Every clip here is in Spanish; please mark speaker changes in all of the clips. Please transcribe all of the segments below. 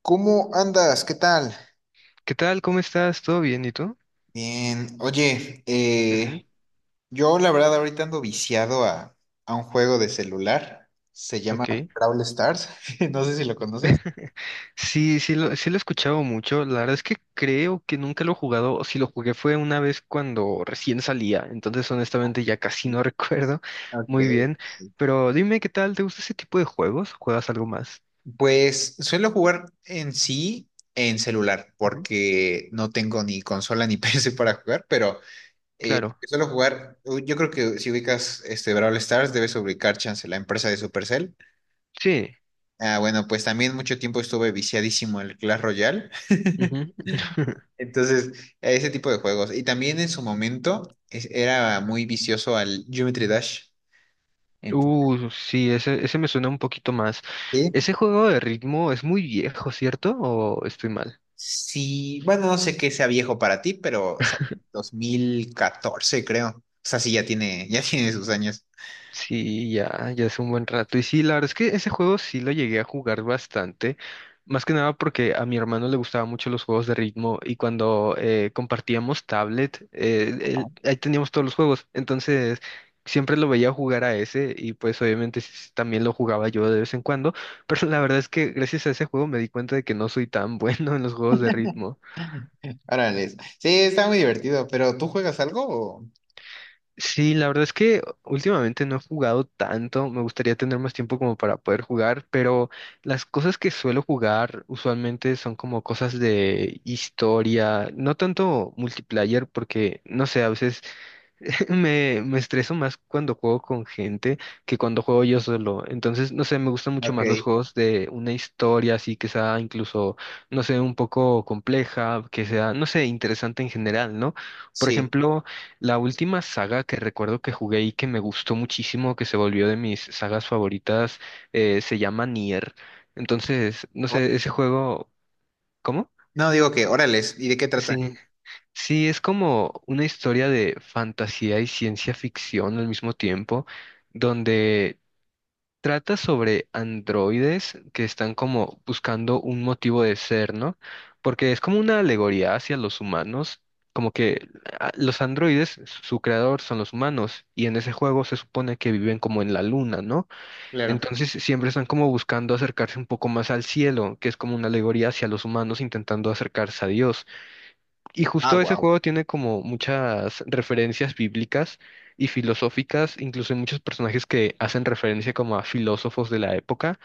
Speaker 1: ¿Cómo andas? ¿Qué tal?
Speaker 2: ¿Qué tal? ¿Cómo estás? ¿Todo bien? ¿Y tú?
Speaker 1: Bien. Oye,
Speaker 2: Ujú.
Speaker 1: yo la verdad ahorita ando viciado a un juego de celular. Se llama
Speaker 2: Ok.
Speaker 1: Brawl Stars. No sé si lo conoces.
Speaker 2: Sí, sí lo he escuchado mucho. La verdad es que creo que nunca lo he jugado. O si lo jugué fue una vez cuando recién salía. Entonces, honestamente, ya casi no
Speaker 1: Sí.
Speaker 2: recuerdo
Speaker 1: Ok,
Speaker 2: muy bien.
Speaker 1: sí.
Speaker 2: Pero dime, ¿qué tal? ¿Te gusta ese tipo de juegos? ¿Juegas algo más?
Speaker 1: Pues suelo jugar en sí en celular,
Speaker 2: Ujú.
Speaker 1: porque no tengo ni consola ni PC para jugar, pero eh,
Speaker 2: Claro.
Speaker 1: suelo jugar, yo creo que si ubicas este Brawl Stars, debes ubicar Chance, la empresa de Supercell.
Speaker 2: Sí.
Speaker 1: Ah, bueno, pues también mucho tiempo estuve viciadísimo al Clash Royale.
Speaker 2: Ujú.
Speaker 1: Entonces, a ese tipo de juegos. Y también en su momento era muy vicioso al Geometry Dash. Entonces,
Speaker 2: Sí, ese me suena un poquito más.
Speaker 1: sí,
Speaker 2: Ese juego de ritmo es muy viejo, ¿cierto? ¿O estoy mal?
Speaker 1: sí, bueno, no sé qué sea viejo para ti, pero o sea, 2014 creo. O sea, sí, ya tiene, ya tiene sus años.
Speaker 2: Sí, ya, ya hace un buen rato. Y sí, la verdad es que ese juego sí lo llegué a jugar bastante. Más que nada porque a mi hermano le gustaban mucho los juegos de ritmo y cuando compartíamos tablet,
Speaker 1: Ajá.
Speaker 2: ahí teníamos todos los juegos. Entonces, siempre lo veía jugar a ese y pues obviamente también lo jugaba yo de vez en cuando. Pero la verdad es que gracias a ese juego me di cuenta de que no soy tan bueno en los juegos de ritmo.
Speaker 1: Órale. Sí, está muy divertido, pero ¿tú juegas algo? ¿O?
Speaker 2: Sí, la verdad es que últimamente no he jugado tanto, me gustaría tener más tiempo como para poder jugar, pero las cosas que suelo jugar usualmente son como cosas de historia, no tanto multiplayer porque, no sé, a veces me estreso más cuando juego con gente que cuando juego yo solo. Entonces, no sé, me gustan mucho más los
Speaker 1: Ok,
Speaker 2: juegos de una historia así que sea incluso, no sé, un poco compleja, que sea, no sé, interesante en general, ¿no? Por
Speaker 1: sí.
Speaker 2: ejemplo, la última saga que recuerdo que jugué y que me gustó muchísimo, que se volvió de mis sagas favoritas, se llama Nier. Entonces, no
Speaker 1: O-
Speaker 2: sé, ese juego, ¿cómo?
Speaker 1: No, digo que, órales, ¿y de qué trata?
Speaker 2: Sí, sí, es como una historia de fantasía y ciencia ficción al mismo tiempo, donde trata sobre androides que están como buscando un motivo de ser, ¿no? Porque es como una alegoría hacia los humanos, como que ah, los androides, su creador son los humanos, y en ese juego se supone que viven como en la luna, ¿no?
Speaker 1: Claro.
Speaker 2: Entonces siempre están como buscando acercarse un poco más al cielo, que es como una alegoría hacia los humanos intentando acercarse a Dios. Y
Speaker 1: Ah,
Speaker 2: justo ese
Speaker 1: wow.
Speaker 2: juego tiene como muchas referencias bíblicas y filosóficas, incluso hay muchos personajes que hacen referencia como a filósofos de la época.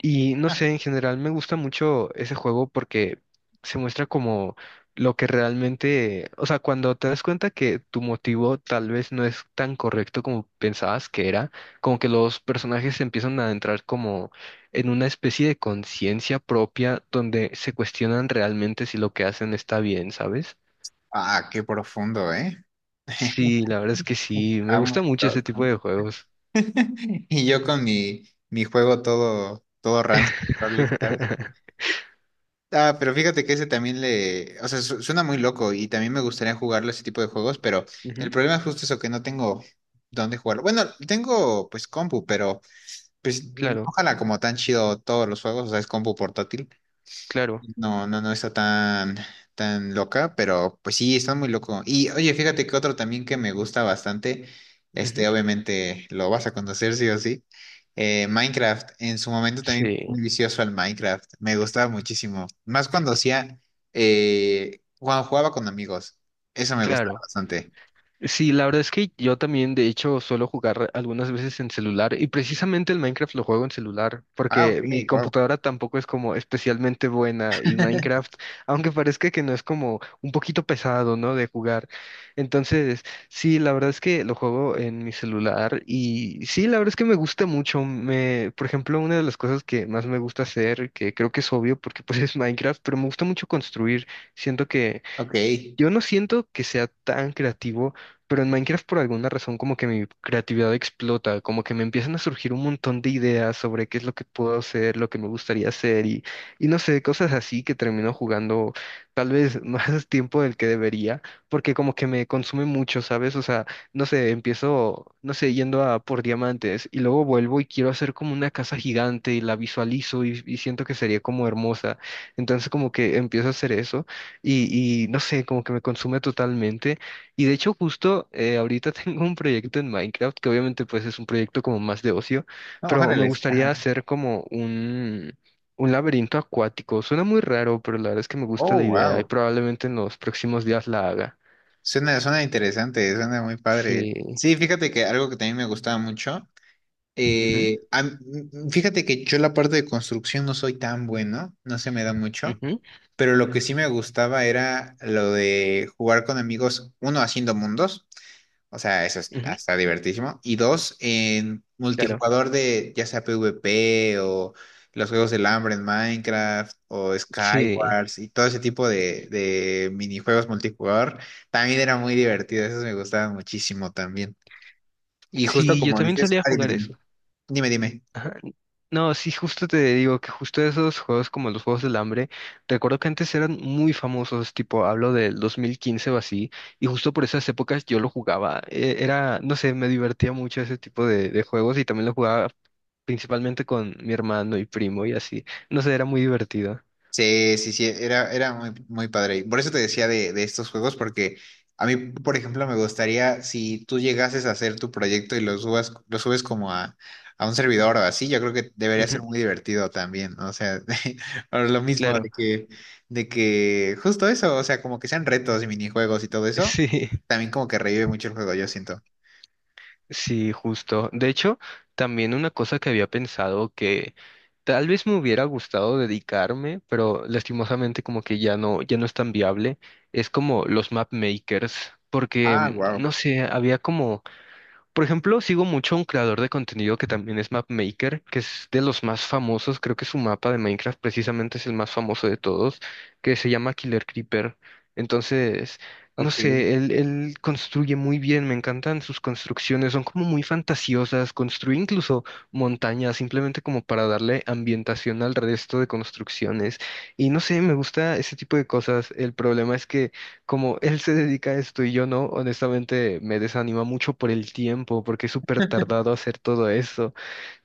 Speaker 2: Y no sé, en general me gusta mucho ese juego porque se muestra como lo que realmente, o sea, cuando te das cuenta que tu motivo tal vez no es tan correcto como pensabas que era, como que los personajes empiezan a entrar como en una especie de conciencia propia donde se cuestionan realmente si lo que hacen está bien, ¿sabes?
Speaker 1: Ah, qué profundo, ¿eh?
Speaker 2: Sí, la verdad es que sí, me
Speaker 1: Amo
Speaker 2: gusta
Speaker 1: el
Speaker 2: mucho ese tipo
Speaker 1: Dota.
Speaker 2: de juegos.
Speaker 1: Y yo con mi juego todo rancio, Brawl Stars. Ah, pero fíjate que ese también le, o sea, suena muy loco y también me gustaría jugarlo ese tipo de juegos, pero el
Speaker 2: Ujú.
Speaker 1: problema es justo eso, que no tengo dónde jugarlo. Bueno, tengo pues compu, pero pues no
Speaker 2: Claro,
Speaker 1: jala como tan chido todos los juegos, o sea, es compu portátil.
Speaker 2: claro.
Speaker 1: No, no, no está tan, tan loca, pero pues sí, está muy loco. Y oye, fíjate que otro también que me gusta bastante,
Speaker 2: Ujú.
Speaker 1: este, obviamente lo vas a conocer sí o sí, Minecraft. En su momento también fui muy
Speaker 2: Sí,
Speaker 1: vicioso al Minecraft, me gustaba muchísimo. Más cuando hacía, cuando jugaba con amigos, eso me gustaba
Speaker 2: claro.
Speaker 1: bastante.
Speaker 2: Sí, la verdad es que yo también, de hecho, suelo jugar algunas veces en celular y precisamente el Minecraft lo juego en celular
Speaker 1: Ah, ok,
Speaker 2: porque mi
Speaker 1: wow.
Speaker 2: computadora tampoco es como especialmente buena y Minecraft, aunque parezca que no es como un poquito pesado, ¿no? De jugar. Entonces, sí, la verdad es que lo juego en mi celular y sí, la verdad es que me gusta mucho. Me, por ejemplo, una de las cosas que más me gusta hacer, que creo que es obvio porque pues es Minecraft, pero me gusta mucho construir. Siento que
Speaker 1: Ok,
Speaker 2: yo no siento que sea tan creativo, pero en Minecraft por alguna razón como que mi creatividad explota, como que me empiezan a surgir un montón de ideas sobre qué es lo que puedo hacer, lo que me gustaría hacer y no sé, cosas así que termino jugando tal vez más tiempo del que debería, porque como que me consume mucho, ¿sabes? O sea, no sé, empiezo, no sé, yendo a por diamantes y luego vuelvo y quiero hacer como una casa gigante y la visualizo y siento que sería como hermosa. Entonces como que empiezo a hacer eso. Y no sé, como que me consume totalmente. Y de hecho, justo ahorita tengo un proyecto en Minecraft, que obviamente pues es un proyecto como más de ocio,
Speaker 1: no,
Speaker 2: pero me
Speaker 1: órale.
Speaker 2: gustaría hacer como un laberinto acuático. Suena muy raro, pero la verdad es que me gusta
Speaker 1: Oh,
Speaker 2: la idea y
Speaker 1: wow.
Speaker 2: probablemente en los próximos días la haga.
Speaker 1: Suena, suena interesante, suena muy padre.
Speaker 2: Sí.
Speaker 1: Sí, fíjate que algo que también me gustaba mucho.
Speaker 2: Ujú,
Speaker 1: Eh, a m- fíjate que yo la parte de construcción no soy tan bueno, no se me da mucho,
Speaker 2: ujú,
Speaker 1: pero lo que sí me gustaba era lo de jugar con amigos, uno haciendo mundos, o sea,
Speaker 2: ujú.
Speaker 1: está divertísimo, y dos, en
Speaker 2: Claro.
Speaker 1: multijugador de ya sea PvP o los juegos del hambre en Minecraft o
Speaker 2: Sí.
Speaker 1: Skywars y todo ese tipo de minijuegos multijugador, también era muy divertido, esos me gustaban muchísimo también. Y justo
Speaker 2: Sí, yo
Speaker 1: como
Speaker 2: también
Speaker 1: dices,
Speaker 2: solía
Speaker 1: ah,
Speaker 2: jugar eso.
Speaker 1: dime.
Speaker 2: No, sí, justo te digo que justo esos juegos como los Juegos del Hambre, recuerdo que antes eran muy famosos, tipo, hablo del 2015 o así, y justo por esas épocas yo lo jugaba. Era, no sé, me divertía mucho ese tipo de juegos y también lo jugaba principalmente con mi hermano y primo y así. No sé, era muy divertido.
Speaker 1: Sí, sí, sí, era, era muy, muy padre. Y por eso te decía de estos juegos, porque a mí, por ejemplo, me gustaría si tú llegases a hacer tu proyecto y lo subas, lo subes como a un servidor o así, yo creo que debería ser
Speaker 2: Ujú,
Speaker 1: muy divertido también, ¿no? O sea, por lo mismo de
Speaker 2: claro,
Speaker 1: que, de que justo eso, o sea, como que sean retos y minijuegos y todo eso,
Speaker 2: sí.
Speaker 1: también como que revive mucho el juego, yo siento.
Speaker 2: Sí, justo. De hecho, también una cosa que había pensado que tal vez me hubiera gustado dedicarme, pero lastimosamente como que ya no, ya no es tan viable, es como los map makers, porque
Speaker 1: Ah, wow.
Speaker 2: no sé, había como por ejemplo, sigo mucho a un creador de contenido que también es Mapmaker, que es de los más famosos. Creo que su mapa de Minecraft precisamente es el más famoso de todos, que se llama Killer Creeper. Entonces, no
Speaker 1: Ok.
Speaker 2: sé, él construye muy bien, me encantan sus construcciones, son como muy fantasiosas. Construye incluso montañas, simplemente como para darle ambientación al resto de construcciones. Y no sé, me gusta ese tipo de cosas. El problema es que como él se dedica a esto y yo no, honestamente me desanima mucho por el tiempo, porque es súper tardado hacer todo eso.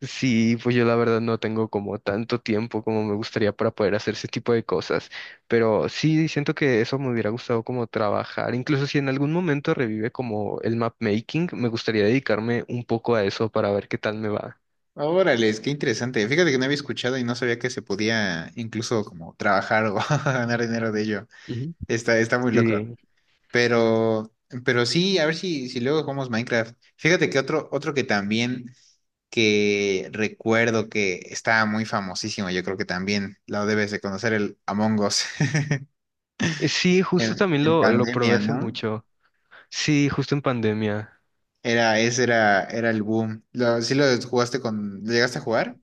Speaker 2: Sí, pues yo la verdad no tengo como tanto tiempo como me gustaría para poder hacer ese tipo de cosas, pero sí siento que eso me hubiera gustado como trabajar. Incluso si en algún momento revive como el map making, me gustaría dedicarme un poco a eso para ver qué tal me va.
Speaker 1: Órale, es que interesante. Fíjate que no había escuchado y no sabía que se podía incluso como trabajar o ganar dinero de ello.
Speaker 2: Ujú.
Speaker 1: Está, está muy loco.
Speaker 2: Sí.
Speaker 1: Pero, pero sí, a ver si luego jugamos Minecraft. Fíjate que otro que también que recuerdo que estaba muy famosísimo, yo creo que también lo debes de conocer, el Among Us.
Speaker 2: Sí, justo también
Speaker 1: En
Speaker 2: lo probé
Speaker 1: pandemia,
Speaker 2: hace
Speaker 1: ¿no?
Speaker 2: mucho. Sí, justo en pandemia.
Speaker 1: Era, ese era, era el boom. Lo, ¿sí lo jugaste con, lo llegaste a jugar?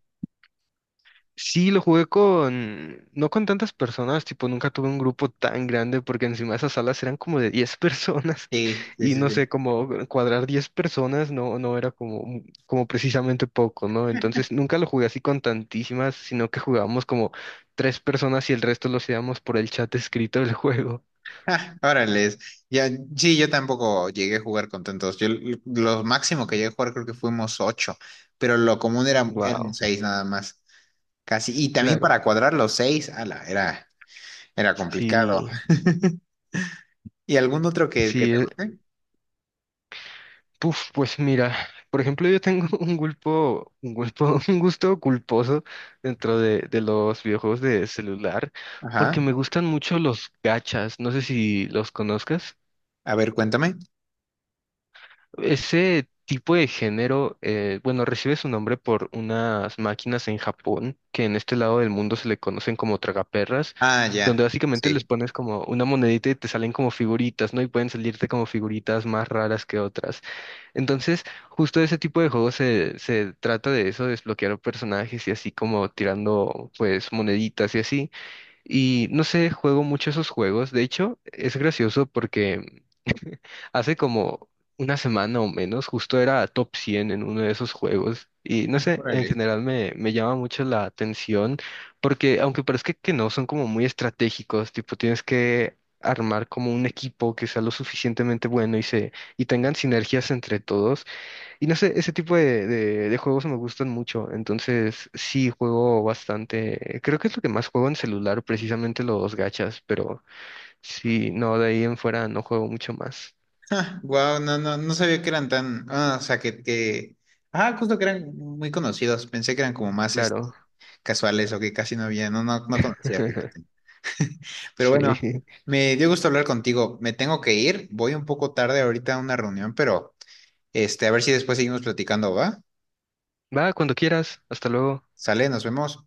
Speaker 2: Sí, lo jugué con, no con tantas personas, tipo, nunca tuve un grupo tan grande porque encima esas salas eran como de 10 personas
Speaker 1: Sí, sí,
Speaker 2: y
Speaker 1: sí,
Speaker 2: no
Speaker 1: sí.
Speaker 2: sé, como cuadrar 10 personas no, no era como, como precisamente poco, ¿no? Entonces nunca lo jugué así con tantísimas, sino que jugábamos como tres personas y el resto lo hacíamos por el chat escrito del juego.
Speaker 1: Ah, órales. Ya, sí, yo tampoco llegué a jugar con tantos. Yo lo máximo que llegué a jugar creo que fuimos ocho, pero lo común era, eran
Speaker 2: Wow,
Speaker 1: seis nada más. Casi. Y también
Speaker 2: claro.
Speaker 1: para cuadrar los seis, ala, era, era complicado.
Speaker 2: Sí,
Speaker 1: ¿Y algún otro que te
Speaker 2: sí.
Speaker 1: guste?
Speaker 2: Puf, pues mira, por ejemplo, yo tengo un gusto culposo dentro de los videojuegos de celular, porque
Speaker 1: Ajá.
Speaker 2: me gustan mucho los gachas, no sé si los conozcas.
Speaker 1: A ver, cuéntame.
Speaker 2: Ese tipo de género, bueno, recibe su nombre por unas máquinas en Japón, que en este lado del mundo se le conocen como tragaperras,
Speaker 1: Ah,
Speaker 2: donde
Speaker 1: ya.
Speaker 2: básicamente les
Speaker 1: Sí.
Speaker 2: pones como una monedita y te salen como figuritas, ¿no? Y pueden salirte como figuritas más raras que otras. Entonces, justo ese tipo de juegos se trata de eso, desbloquear personajes y así como tirando pues moneditas y así. Y no sé, juego mucho esos juegos. De hecho, es gracioso porque hace como una semana o menos justo era top 100 en uno de esos juegos. Y no sé, en
Speaker 1: Órale.
Speaker 2: general me llama mucho la atención porque aunque parezca que no, son como muy estratégicos, tipo tienes que armar como un equipo que sea lo suficientemente bueno y se y tengan sinergias entre todos. Y no sé, ese tipo de juegos me gustan mucho, entonces sí juego bastante. Creo que es lo que más juego en celular, precisamente los gachas, pero sí, no, de ahí en fuera no juego mucho más.
Speaker 1: Wow, no, no, no sabía que eran tan. Ah, o sea que, que. Ah, justo que eran muy conocidos. Pensé que eran como más este,
Speaker 2: Claro.
Speaker 1: casuales o que casi no había. No, no, no conocía, fíjate. Pero bueno,
Speaker 2: Sí.
Speaker 1: me dio gusto hablar contigo. Me tengo que ir. Voy un poco tarde ahorita a una reunión, pero este, a ver si después seguimos platicando, ¿va?
Speaker 2: Va, cuando quieras. Hasta luego.
Speaker 1: Sale, nos vemos.